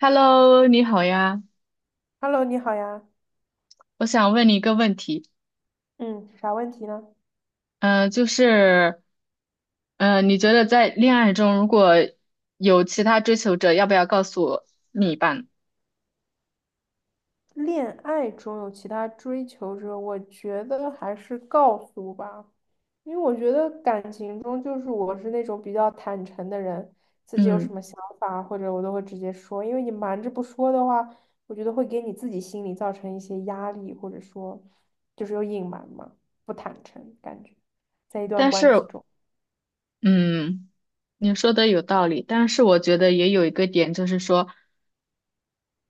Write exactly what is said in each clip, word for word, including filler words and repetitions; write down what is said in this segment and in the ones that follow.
Hello，你好呀，Hello，你好呀，我想问你一个问题，嗯，啥问题呢？嗯，就是，嗯，你觉得在恋爱中，如果有其他追求者，要不要告诉另一半？恋爱中有其他追求者，我觉得还是告诉吧，因为我觉得感情中就是我是那种比较坦诚的人，自己有什嗯，么想法或者我都会直接说，因为你瞒着不说的话，我觉得会给你自己心里造成一些压力，或者说就是有隐瞒嘛，不坦诚感觉，在一段但关系是，中嗯，你说的有道理，但是我觉得也有一个点，就是说，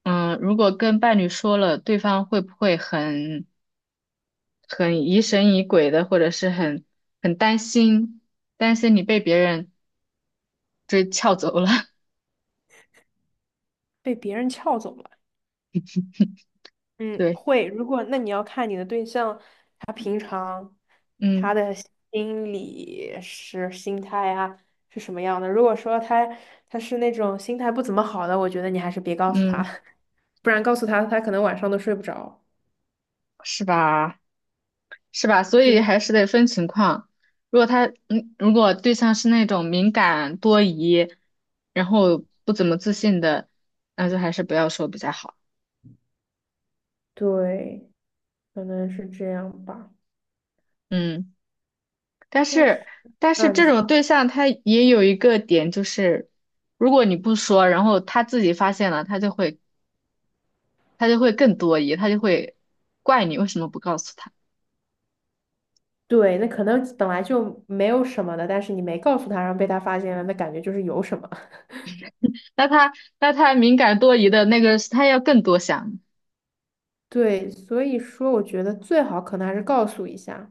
嗯，如果跟伴侣说了，对方会不会很很疑神疑鬼的，或者是很很担心，担心你被别人追撬走了？被别人撬走了。嗯，对，会。如果那你要看你的对象。嗯心理是心态啊，是什么样的？如果说他他是那种心态不怎么好的，我觉得你还是别告诉他，嗯，不然告诉他，他可能晚上都睡不着。是吧？是吧？所就以是还是得分情况。如果他，嗯，如果对象是那种敏感多疑，然后不怎么自信的，那就还是不要说比较好。对，可能是这样吧。嗯，但但是是，但是啊，你这种说对象他也有一个点，就是如果你不说，然后他自己发现了，他就会他就会更多疑，他就会怪你为什么不告诉他。对，那可能本来就没有什么的，但是你没告诉他，然后被他发现了，那感觉就是有什么。那他那他敏感多疑的那个，他要更多想。对，所以说我觉得最好可能还是告诉一下，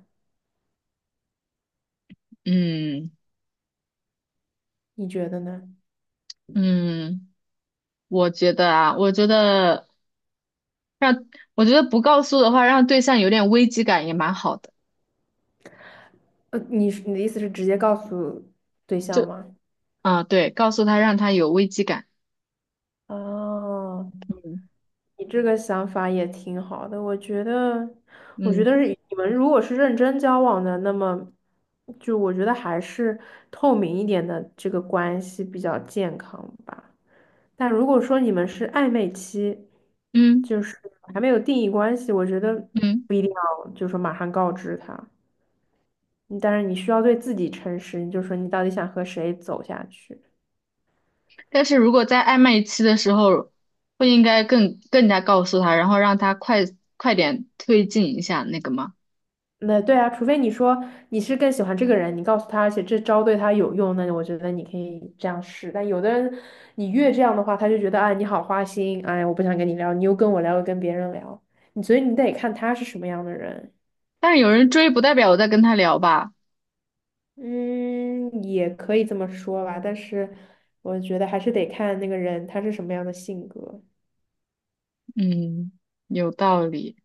嗯你觉得呢？嗯，我觉得啊，我觉得。让我觉得不告诉的话，让对象有点危机感也蛮好的。呃，你是你的意思是直接告诉对象就吗？啊，对，告诉他让他有危机感。哦，嗯你这个想法也挺好的，我觉得，我觉嗯得是你们如果是认真交往的，那么就我觉得还是透明一点的这个关系比较健康吧。但如果说你们是暧昧期，嗯。就是还没有定义关系，我觉得嗯。不一定要就说马上告知他，但是你需要对自己诚实，你就说你到底想和谁走下去。但是如果在暧昧期的时候，不应该更更加告诉他，然后让他快快点推进一下那个吗？那对啊，除非你说你是更喜欢这个人，你告诉他，而且这招对他有用，那我觉得你可以这样试。但有的人，你越这样的话，他就觉得，哎，你好花心，哎，我不想跟你聊，你又跟我聊，又跟别人聊，你所以你得看他是什么样的人。但是有人追，不代表我在跟他聊吧。嗯，也可以这么说吧，但是我觉得还是得看那个人他是什么样的性格。嗯，有道理。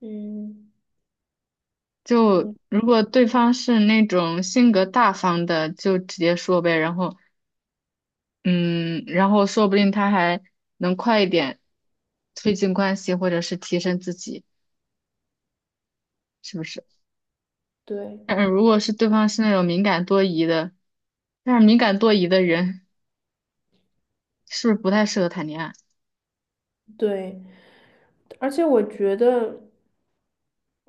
嗯就嗯，如果对方是那种性格大方的，就直接说呗，然后嗯，然后说不定他还能快一点推进关系，或者是提升自己，是不是？对嗯，如果是对方是那种敏感多疑的，但是敏感多疑的人是不是不太适合谈恋爱？对。而且我觉得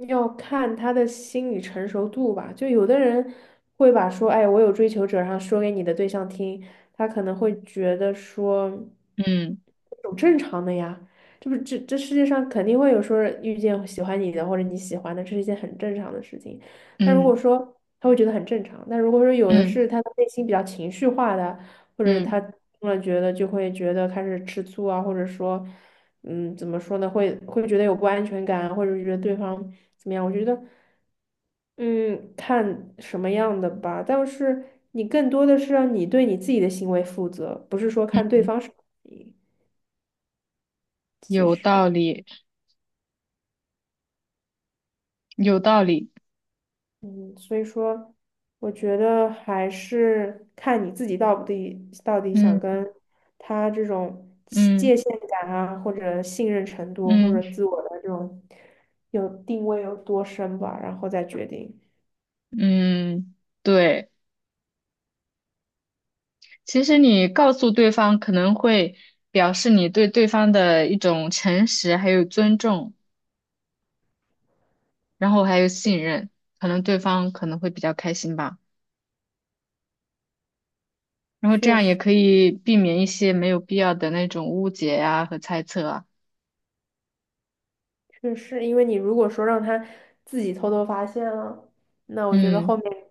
要看他的心理成熟度吧。就有的人会把说，哎，我有追求者，然后说给你的对象听，他可能会觉得说，嗯有正常的呀，这不这这世界上肯定会有说遇见喜欢你的或者你喜欢的，这是一件很正常的事情。但如果嗯说他会觉得很正常，但如果说有的嗯是他的内心比较情绪化的，或者嗯他突然觉得就会觉得开始吃醋啊，或者说。嗯，怎么说呢？会会觉得有不安全感，或者是觉得对方怎么样？我觉得，嗯，看什么样的吧。但是你更多的是让你对你自己的行为负责，不是说看对嗯，方是你。其有实，道理，有道理。嗯，所以说，我觉得还是看你自己到底到底想嗯跟他这种嗯界限感啊，或者信任程度，或嗯者自我的这种有定位有多深吧，然后再决定。嗯，对。其实你告诉对方可能会表示你对对方的一种诚实还有尊重。然后还有信任，可能对方可能会比较开心吧。然后这确样也实。可以避免一些没有必要的那种误解呀和猜测啊。确实，因为你如果说让他自己偷偷发现了，那我觉得后嗯，面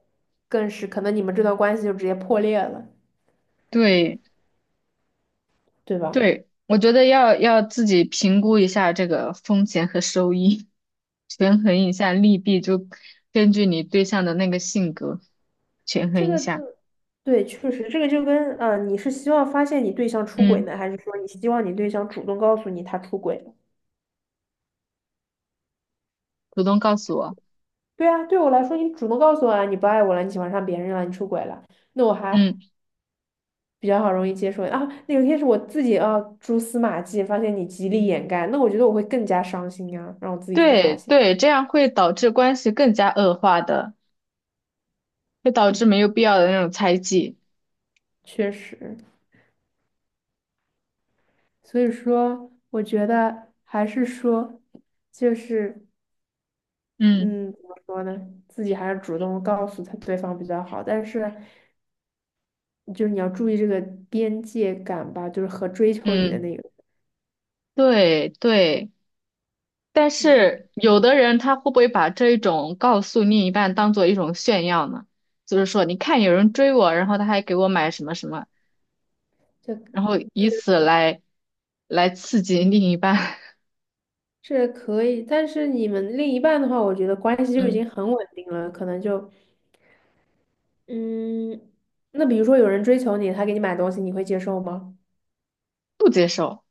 更是可能你们这段关系就直接破裂了，对对吧？对，我觉得要要自己评估一下这个风险和收益，权衡一下利弊，就根据你对象的那个性格权这衡一个就下。对，确实，这个就跟啊，你是希望发现你对象出轨嗯，呢，还是说你希望你对象主动告诉你他出轨了？主动告诉我。对啊，对我来说，你主动告诉我啊，你不爱我了，你喜欢上别人了，你出轨了，那我还嗯，比较好容易接受啊。那有一天是我自己啊蛛丝马迹，发现你极力掩盖，那我觉得我会更加伤心啊，让我自己去发对现，对，这样会导致关系更加恶化的，会导致没有必要的那种猜忌。确实。所以说，我觉得还是说，就是嗯嗯，怎么说呢？自己还是主动告诉他对方比较好，但是就是你要注意这个边界感吧，就是和追求你的嗯。那个，对对，但你不能是有的人他会不会把这一种告诉另一半当做一种炫耀呢？就是说，你看有人追我，然后他还给我买什么什么，这呃然后以此来来刺激另一半，是可以，但是你们另一半的话，我觉得关系 就已嗯，经很稳定了，可能就嗯，那比如说有人追求你，他给你买东西，你会接受吗？不接受，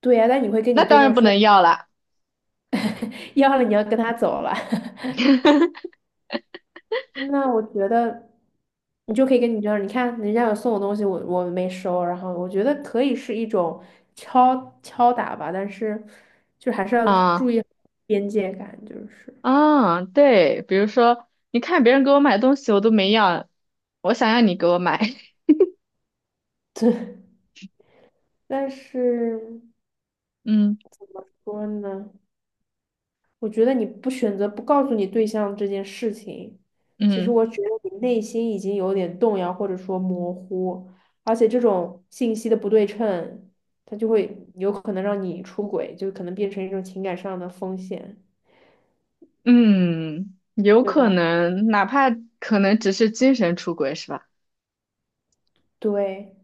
对呀、但你会跟那你对当然象不说，能要了 要了你要跟他走了。那我觉得你就可以跟你这样，你看人家有送我东西，我我没收，然后我觉得可以是一种敲敲打吧，但是就还是要注啊意边界感，就是。啊，对，比如说，你看别人给我买东西，我都没要，我想要你给我买，但是怎么嗯说呢，我觉得你不选择不告诉你对象这件事情，其实嗯我觉得你内心已经有点动摇或者说模糊，而且这种信息的不对称，它就会有可能让你出轨，就可能变成一种情感上的风险。嗯，有对可吧？能，哪怕可能只是精神出轨，是吧？对，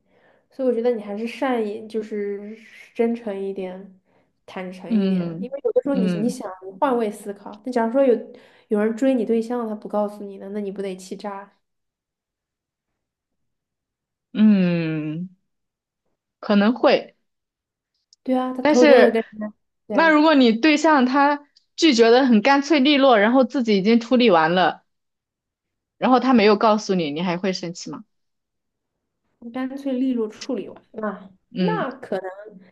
所以我觉得你还是善意，就是真诚一点，坦诚一点，因嗯为有的时候你你嗯想你换位思考，那假如说有有人追你对象，他不告诉你呢，那你不得气炸？嗯，可能会，对啊，他但偷偷的是跟人家，对那啊，如果你对象他拒绝的很干脆利落，然后自己已经处理完了，然后他没有告诉你，你还会生气吗？你干脆利落处理完，那嗯那可能，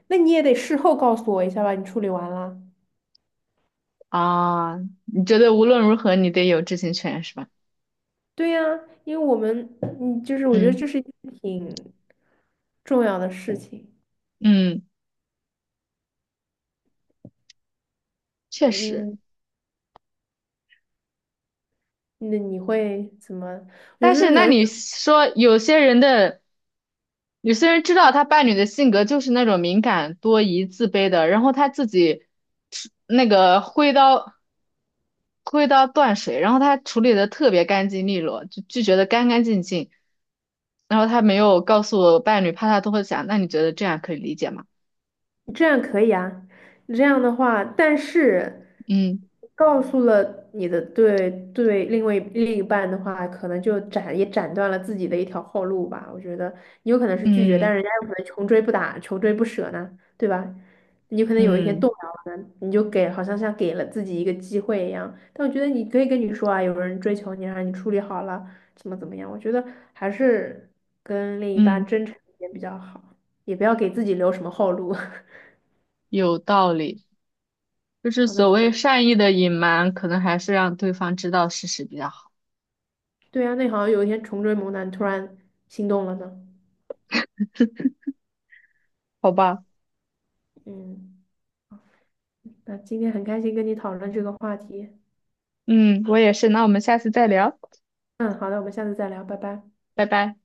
那你也得事后告诉我一下吧，你处理完了。啊，你觉得无论如何你得有知情权是吧？对呀，因为我们，嗯，就是我觉得这嗯是一件挺重要的事情。嗯，确实，嗯，那你会怎么？有但时是候那人你说有些人的有些人知道他伴侣的性格就是那种敏感、多疑、自卑的，然后他自己那个挥刀。灰到断水，然后他处理的特别干净利落，就拒绝的干干净净。然后他没有告诉我伴侣怕他都会想，那你觉得这样可以理解吗？这样可以啊，这样的话，但是嗯告诉了你的对对另外另一半的话，可能就斩也斩断了自己的一条后路吧。我觉得你有可能是拒绝，但嗯人家有可能穷追不打，穷追不舍呢，对吧？你有可能有一天嗯动摇了，你就给好像像给了自己一个机会一样。但我觉得你可以跟你说啊，有人追求你啊，让你处理好了，怎么怎么样？我觉得还是跟另一半嗯，真诚一点比较好，也不要给自己留什么后路。有道理。就是好的，那所可谓能善意的隐瞒，可能还是让对方知道事实比较好，对啊，那好像有一天重追猛男突然心动了呢。好吧？嗯，那今天很开心跟你讨论这个话题。嗯，我也是。那我们下次再聊，嗯，好的，我们下次再聊，拜拜。拜拜。